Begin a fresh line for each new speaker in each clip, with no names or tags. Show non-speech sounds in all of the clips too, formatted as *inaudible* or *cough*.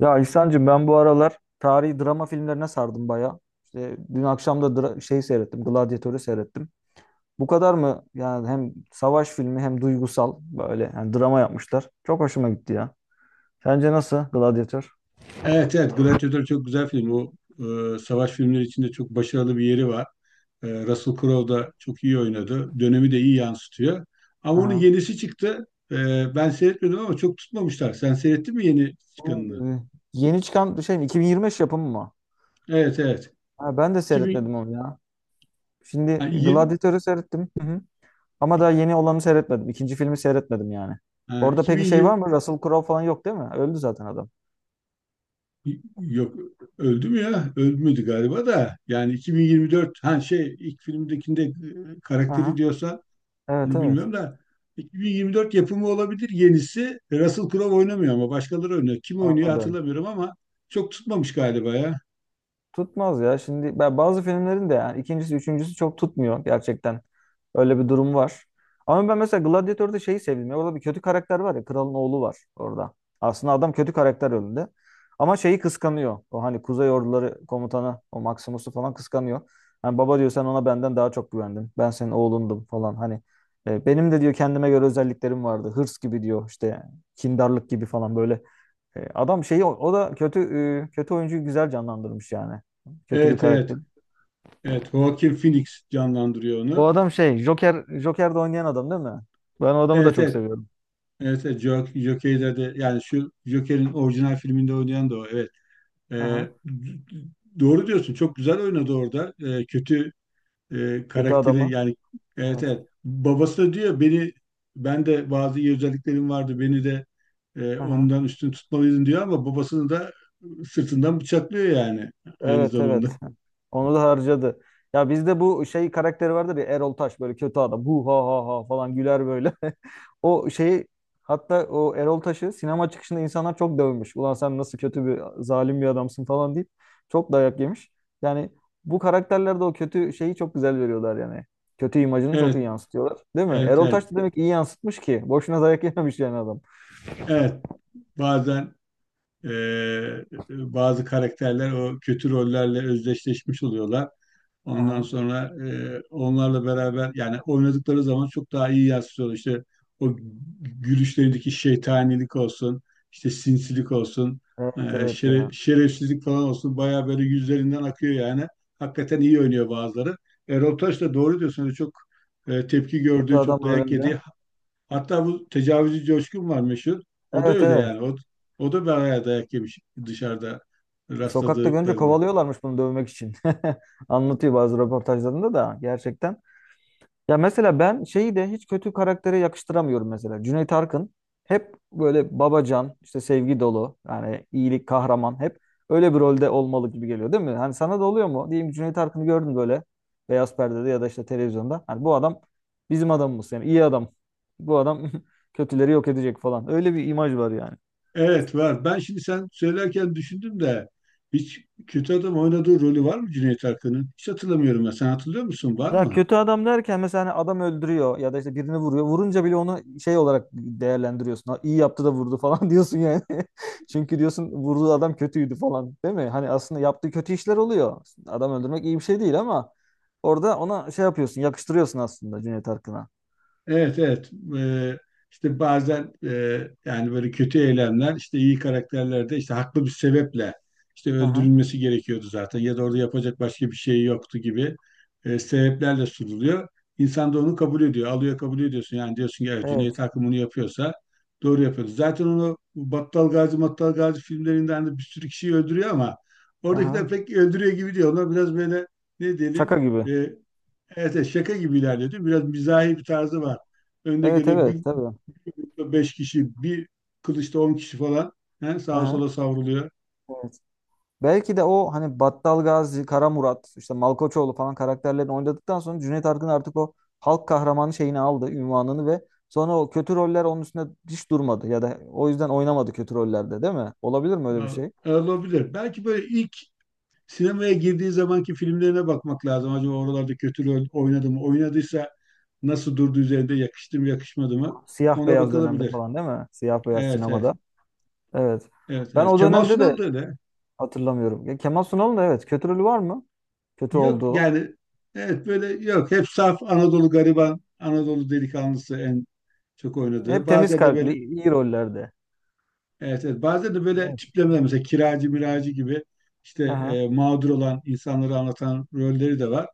Ya İhsan'cığım ben bu aralar tarihi drama filmlerine sardım baya. İşte dün akşam da seyrettim, Gladiator'u seyrettim. Bu kadar mı? Yani hem savaş filmi hem duygusal böyle yani drama yapmışlar. Çok hoşuma gitti ya. Sence nasıl Gladiator?
Evet, evet. Gladiator çok güzel film. O, savaş filmleri içinde çok başarılı bir yeri var. Russell Crowe da çok iyi oynadı. Dönemi de iyi yansıtıyor. Ama onun
Aha.
yenisi çıktı. E, Ben seyretmedim ama çok tutmamışlar. Sen seyrettin mi yeni
Bu,
çıkanını?
e, Yeni çıkan şey mi? 2025 yapımı mı?
Evet, evet.
Ha, ben de
2000,
seyretmedim onu ya.
ha,
Şimdi
20,
Gladiator'u seyrettim. Hı hı. Ama daha yeni olanı seyretmedim. İkinci filmi seyretmedim yani.
ha,
Orada peki şey
2020.
var mı? Russell Crowe falan yok değil mi? Öldü zaten adam.
Yok. Öldü mü ya? Ölmedi galiba da. Yani 2024, ha, şey, ilk filmdekinde, karakteri
Aha.
diyorsan
Evet,
onu
evet.
bilmiyorum da 2024 yapımı olabilir yenisi. Russell Crowe oynamıyor ama başkaları oynuyor. Kim oynuyor
Anladım.
hatırlamıyorum ama çok tutmamış galiba ya.
Tutmaz ya. Şimdi ben bazı filmlerin de yani ikincisi, üçüncüsü çok tutmuyor gerçekten. Öyle bir durum var. Ama ben mesela Gladiator'da şeyi sevdim. Ya, orada bir kötü karakter var ya. Kralın oğlu var orada. Aslında adam kötü karakter önünde. Ama şeyi kıskanıyor. O hani Kuzey Orduları komutanı, o Maximus'u falan kıskanıyor. Hani baba diyor sen ona benden daha çok güvendin. Ben senin oğlundum falan. Hani benim de diyor kendime göre özelliklerim vardı. Hırs gibi diyor işte kindarlık gibi falan böyle. Adam şeyi o, o da kötü e, kötü oyuncuyu güzel canlandırmış yani. Kötü bir
Evet, evet.
karakter.
Evet, Joaquin Phoenix canlandırıyor
O
onu.
adam şey Joker'de oynayan adam değil mi? Ben o adamı da
Evet,
çok
evet.
seviyorum.
Evet, evet, Joker'de de yani şu Joker'in orijinal filminde oynayan da o, evet. Ee,
Aha.
d- doğru diyorsun, çok güzel oynadı orada. Kötü,
Kötü
karakteri
adamı.
yani. Evet,
Evet.
evet, babası da diyor, beni, ben de bazı iyi özelliklerim vardı, beni de
Aha.
ondan üstün tutmalıydın diyor ama babasını da sırtından bıçaklıyor yani, aynı
Evet,
zamanda.
evet. Onu da harcadı. Ya bizde bu şey karakteri vardır ya Erol Taş böyle kötü adam. Bu ha ha ha falan güler böyle. *laughs* O şeyi hatta o Erol Taş'ı sinema çıkışında insanlar çok dövmüş. Ulan sen nasıl kötü bir zalim bir adamsın falan deyip çok dayak yemiş. Yani bu karakterlerde o kötü şeyi çok güzel veriyorlar yani. Kötü imajını çok iyi
Evet,
yansıtıyorlar. Değil mi?
evet,
Erol
evet,
Taş da demek iyi yansıtmış ki. Boşuna dayak yememiş yani adam.
evet. Bazen e, bazı karakterler o kötü rollerle özdeşleşmiş oluyorlar. Ondan
Aha.
sonra onlarla beraber yani oynadıkları zaman çok daha iyi yansıtıyor. İşte o gülüşlerindeki şeytanilik olsun, işte sinsilik olsun, e,
Evet, evet ya.
şerefsizlik falan olsun bayağı böyle yüzlerinden akıyor yani. Hakikaten iyi oynuyor bazıları. Erol Taş da doğru diyorsun. Öyle çok tepki
Kötü
gördüğü, çok
adamlar
dayak
önde.
yediği. Hatta bu tecavüzcü Coşkun var, meşhur. O da
Evet,
öyle
evet.
yani. O da bayağı dayak yemiş, dışarıda
Sokakta görünce
rastladıklarında.
kovalıyorlarmış bunu dövmek için. *laughs* Anlatıyor bazı röportajlarında da gerçekten. Ya mesela ben şeyi de hiç kötü karaktere yakıştıramıyorum mesela. Cüneyt Arkın hep böyle babacan, işte sevgi dolu, yani iyilik kahraman hep öyle bir rolde olmalı gibi geliyor değil mi? Hani sana da oluyor mu? Diyeyim ki Cüneyt Arkın'ı gördün böyle beyaz perdede ya da işte televizyonda. Hani bu adam bizim adamımız yani iyi adam. Bu adam *laughs* kötüleri yok edecek falan. Öyle bir imaj var yani.
Evet, var. Ben şimdi sen söylerken düşündüm de hiç kötü adam oynadığı rolü var mı Cüneyt Arkın'ın? Hiç hatırlamıyorum ben. Sen hatırlıyor musun? Var
Ya
mı?
kötü adam derken mesela hani adam öldürüyor ya da işte birini vuruyor. Vurunca bile onu şey olarak değerlendiriyorsun. Ha, iyi yaptı da vurdu falan *laughs* diyorsun yani. *laughs* Çünkü diyorsun vurduğu adam kötüydü falan değil mi? Hani aslında yaptığı kötü işler oluyor. Adam öldürmek iyi bir şey değil ama orada ona şey yapıyorsun, yakıştırıyorsun aslında Cüneyt Arkın'a.
Evet, evet. İşte bazen yani böyle kötü eylemler, işte iyi karakterlerde, işte haklı bir sebeple, işte
Hı hı.
öldürülmesi gerekiyordu zaten ya da orada yapacak başka bir şey yoktu gibi sebeplerle sunuluyor. İnsan da onu kabul ediyor, alıyor, kabul ediyorsun yani, diyorsun ki, "Evet, Cüneyt
Evet.
Arkın bunu yapıyorsa doğru yapıyordu." Zaten onu Battal Gazi Mattal Gazi filmlerinden de bir sürü kişiyi öldürüyor ama
Hı hı.
oradakiler pek öldürüyor gibi diyor. Onlar biraz böyle, ne diyelim.
Şaka gibi.
Evet, evet, şaka gibi ilerliyordu. Biraz mizahi bir tarzı var. Önde
Evet,
gele bir,
evet tabii.
bir grupta beş kişi, bir kılıçta 10 kişi falan, he,
Hı
sağa
hı.
sola savruluyor.
Evet. Belki de o hani Battal Gazi, Kara Murat, işte Malkoçoğlu falan karakterlerini oynadıktan sonra Cüneyt Arkın artık o halk kahramanı şeyini aldı, ünvanını ve sonra o kötü roller onun üstünde hiç durmadı ya da o yüzden oynamadı kötü rollerde değil mi? Olabilir mi öyle bir
Ya,
şey?
olabilir. Belki böyle ilk sinemaya girdiği zamanki filmlerine bakmak lazım. Acaba oralarda kötü rol oynadı mı? Oynadıysa nasıl durdu üzerinde? Yakıştı mı, yakışmadı mı?
Siyah
Ona
beyaz dönemde
bakılabilir.
falan değil mi? Siyah beyaz
Evet, evet.
sinemada. Evet.
Evet,
Ben
evet.
o
Kemal
dönemde
Sunal da
de
öyle.
hatırlamıyorum. Ya Kemal Sunal'ın da evet kötü rolü var mı? Kötü
Yok
olduğu.
yani, evet, böyle yok. Hep saf Anadolu gariban, Anadolu delikanlısı en çok oynadığı.
Hep temiz
Bazen de böyle.
kalpli, iyi rollerde.
Evet, evet. Bazen de böyle
Evet.
tiplemeler, mesela kiracı miracı gibi işte
Aha,
mağdur olan insanları anlatan rolleri de var.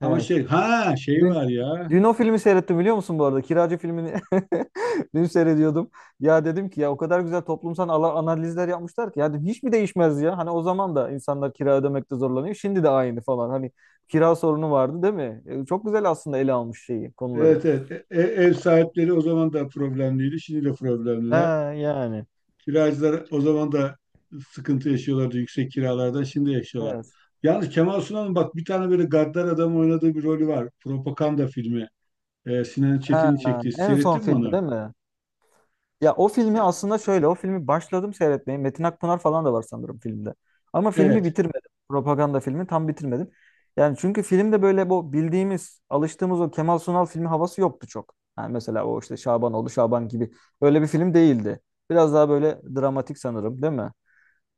Ama
evet.
şey, ha, şey
Dün
var ya.
dün o filmi seyrettim biliyor musun bu arada? Kiracı filmini *laughs* dün seyrediyordum. Ya dedim ki ya o kadar güzel toplumsal analizler yapmışlar ki ya dedim, hiç mi değişmez ya? Hani o zaman da insanlar kira ödemekte zorlanıyor. Şimdi de aynı falan. Hani kira sorunu vardı değil mi? E, çok güzel aslında ele almış şeyi, konuları.
Evet, evet. Ev sahipleri o zaman da problemliydi, şimdi de
Ha
problemliler.
yani.
Kiracılar o zaman da sıkıntı yaşıyorlardı yüksek kiralardan. Şimdi yaşıyorlar.
Evet.
Yalnız Kemal Sunal'ın bak bir tane böyle gaddar adam oynadığı bir rolü var. Propaganda filmi. Sinan
Ha,
Çetin'in çektiği.
en son
Seyrettin mi
filmi
onu?
değil mi? Ya o filmi
Ya,
aslında şöyle, o filmi başladım seyretmeye. Metin Akpınar falan da var sanırım filmde. Ama filmi
evet.
bitirmedim. Propaganda filmi tam bitirmedim. Yani çünkü filmde böyle bu bildiğimiz, alıştığımız o Kemal Sunal filmi havası yoktu çok. Yani mesela o işte Şabanoğlu, Şaban gibi öyle bir film değildi. Biraz daha böyle dramatik sanırım, değil mi?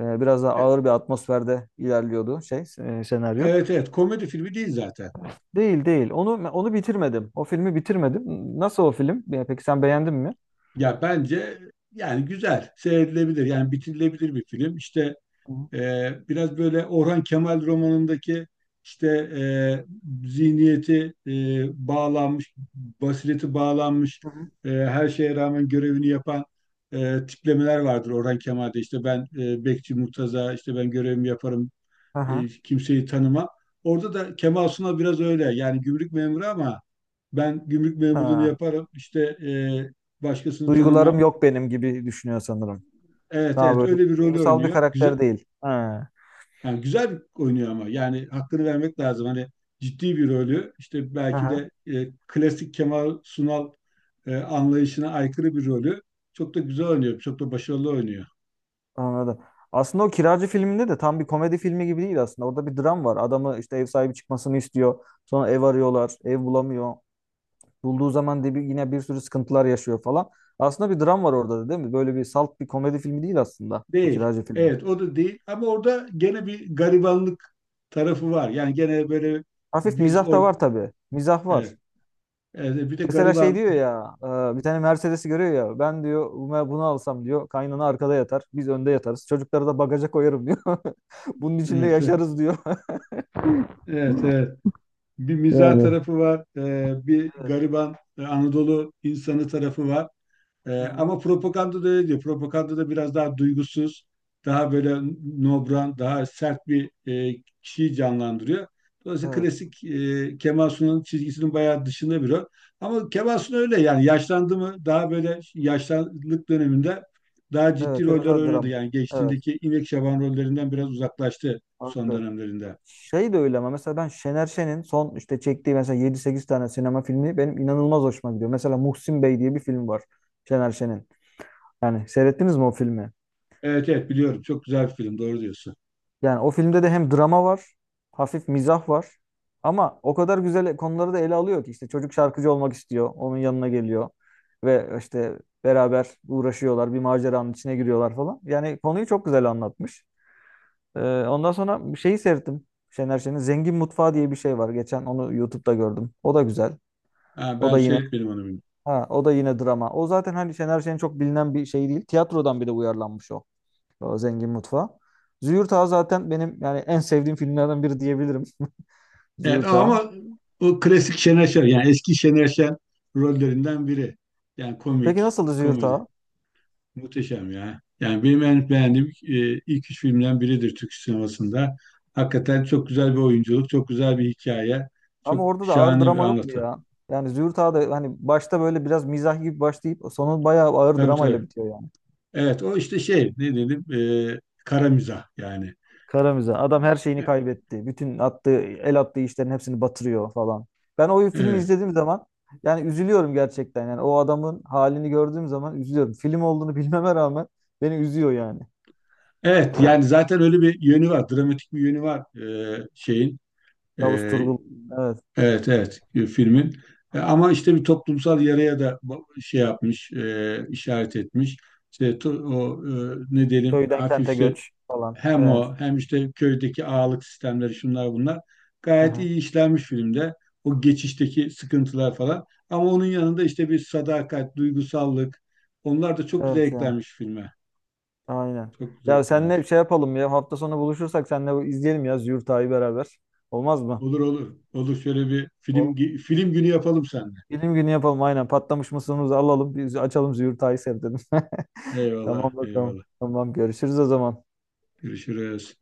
Biraz daha
E-
ağır bir atmosferde ilerliyordu senaryo.
evet, evet. Komedi filmi değil zaten.
Değil değil. Onu bitirmedim. O filmi bitirmedim. Nasıl o film? Ya peki sen beğendin mi?
Ya bence yani güzel, seyredilebilir. Yani bitirilebilir bir film. İşte
Hı hı.
biraz böyle Orhan Kemal romanındaki, işte e, zihniyeti bağlanmış, basireti bağlanmış,
Hı hı.
her şeye rağmen görevini yapan tiplemeler vardır Orhan Kemal'de. İşte ben, Bekçi Murtaza, işte ben görevimi yaparım,
Aha.
kimseyi tanımam. Orada da Kemal Sunal biraz öyle. Yani gümrük memuru ama ben gümrük memurluğunu
Ha.
yaparım, işte, başkasını
Duygularım
tanımam.
yok benim gibi düşünüyor sanırım.
Evet,
Daha
evet,
böyle
öyle bir rolü
duygusal bir
oynuyor. Güzel,
karakter değil. Ha.
yani güzel oynuyor ama yani hakkını vermek lazım. Hani ciddi bir rolü işte, belki
Aha,
de klasik Kemal Sunal anlayışına aykırı bir rolü çok da güzel oynuyor. Çok da başarılı oynuyor.
anladım. Aslında o Kiracı filminde de tam bir komedi filmi gibi değil aslında. Orada bir dram var. Adamı işte ev sahibi çıkmasını istiyor. Sonra ev arıyorlar. Ev bulamıyor. Bulduğu zaman de bir, yine bir sürü sıkıntılar yaşıyor falan. Aslında bir dram var orada da değil mi? Böyle bir salt bir komedi filmi değil aslında o
Değil.
Kiracı filmi.
Evet, o da değil ama orada gene bir garibanlık tarafı var. Yani gene böyle,
Hafif
biz
mizah da var tabii. Mizah var.
evet, evet, bir de
Mesela şey
gariban,
diyor ya, bir tane Mercedes'i görüyor ya. Ben diyor, "Buna- bunu alsam," diyor. "Kaynana arkada yatar. Biz önde yatarız. Çocukları da bagaja koyarım," diyor. *laughs* "Bunun içinde
evet, evet,
yaşarız," diyor. *laughs*
evet. Evet. Bir mizah
Yani.
tarafı var. Bir
Evet.
gariban, Anadolu insanı tarafı var. Ee,
Hı-hı.
Ama propaganda da öyle diyor. Propaganda da biraz daha duygusuz, daha böyle nobran, daha sert bir kişiyi canlandırıyor. Dolayısıyla
Evet.
klasik Kemal Sunal'ın çizgisinin bayağı dışında bir o. Ama Kemal Sunal öyle yani yaşlandı mı daha böyle yaşlılık döneminde daha ciddi
Evet biraz
roller
daha
oynadı.
dram.
Yani
Evet.
geçtiğindeki İpek Şaban rollerinden biraz uzaklaştı son
Farklı.
dönemlerinde.
Şey de öyle ama mesela ben Şener Şen'in son işte çektiği mesela yedi sekiz tane sinema filmi benim inanılmaz hoşuma gidiyor. Mesela Muhsin Bey diye bir film var Şener Şen'in. Yani seyrettiniz mi o filmi?
Evet, evet, biliyorum. Çok güzel bir film. Doğru diyorsun.
Yani o filmde de hem drama var, hafif mizah var. Ama o kadar güzel konuları da ele alıyor ki işte çocuk şarkıcı olmak istiyor, onun yanına geliyor ve işte beraber uğraşıyorlar, bir maceranın içine giriyorlar falan. Yani konuyu çok güzel anlatmış. Ee, Ondan sonra bir şeyi seyrettim. Şener Şen'in Zengin Mutfağı diye bir şey var. Geçen onu YouTube'da gördüm. O da güzel.
Ha,
O
ben
da yine
seyretmedim onu.
ha, o da yine drama. O zaten hani Şener Şen'in çok bilinen bir şey değil. Tiyatrodan bir de uyarlanmış o. Zengin Mutfağı. Züğürt Ağa zaten benim yani en sevdiğim filmlerden biri diyebilirim.
Evet
Züğürt Ağa.
ama o klasik Şener Şen yani eski Şener Şen rollerinden biri. Yani
Peki
komik,
nasıldı Züğürt
komedi.
Ağa?
Muhteşem ya. Yani benim en beğendiğim, ilk üç filmden biridir Türk sinemasında. Hakikaten çok güzel bir oyunculuk, çok güzel bir hikaye,
Ama
çok
orada da ağır
şahane bir
drama yok mu
anlatı.
ya? Yani Züğürt Ağa da hani başta böyle biraz mizah gibi başlayıp sonu bayağı ağır
Tabii,
dramayla
tabii.
bitiyor yani.
Evet, o işte, şey, ne dedim, e, kara mizah yani.
Kara mizah. Adam her şeyini
E,
kaybetti. Bütün attığı, el attığı işlerin hepsini batırıyor falan. Ben o filmi
Evet.
izlediğim zaman yani üzülüyorum gerçekten. Yani o adamın halini gördüğüm zaman üzülüyorum. Film olduğunu *laughs* bilmeme rağmen beni üzüyor yani.
Evet, yani zaten öyle bir yönü var. Dramatik bir yönü var şeyin. e,
Yavuz Turgul. Evet.
Evet, evet, filmin. Ama işte bir toplumsal yaraya da şey yapmış, işaret etmiş. İşte o, ne diyelim,
Köyden
hafif,
kente
işte
göç falan.
hem
Evet.
o hem işte köydeki ağalık sistemleri, şunlar bunlar,
Hı
gayet
hı.
iyi işlenmiş filmde. O geçişteki sıkıntılar falan. Ama onun yanında işte bir sadakat, duygusallık, onlar da çok güzel
Evet ya.
eklenmiş filme.
Aynen.
Çok güzel
Ya senle bir
eklenmiş.
şey yapalım ya. Hafta sonu buluşursak senle izleyelim ya Züğürt Ağa'yı beraber. Olmaz mı?
Olur, olur. Olur, şöyle bir
Olur.
film günü yapalım seninle.
Bilim günü yapalım aynen. Patlamış mısırımızı alalım. Biz açalım Züğürt Ağa'yı seyredelim. *laughs*
Eyvallah,
Tamam bakalım.
eyvallah.
Tamam görüşürüz o zaman.
Görüşürüz.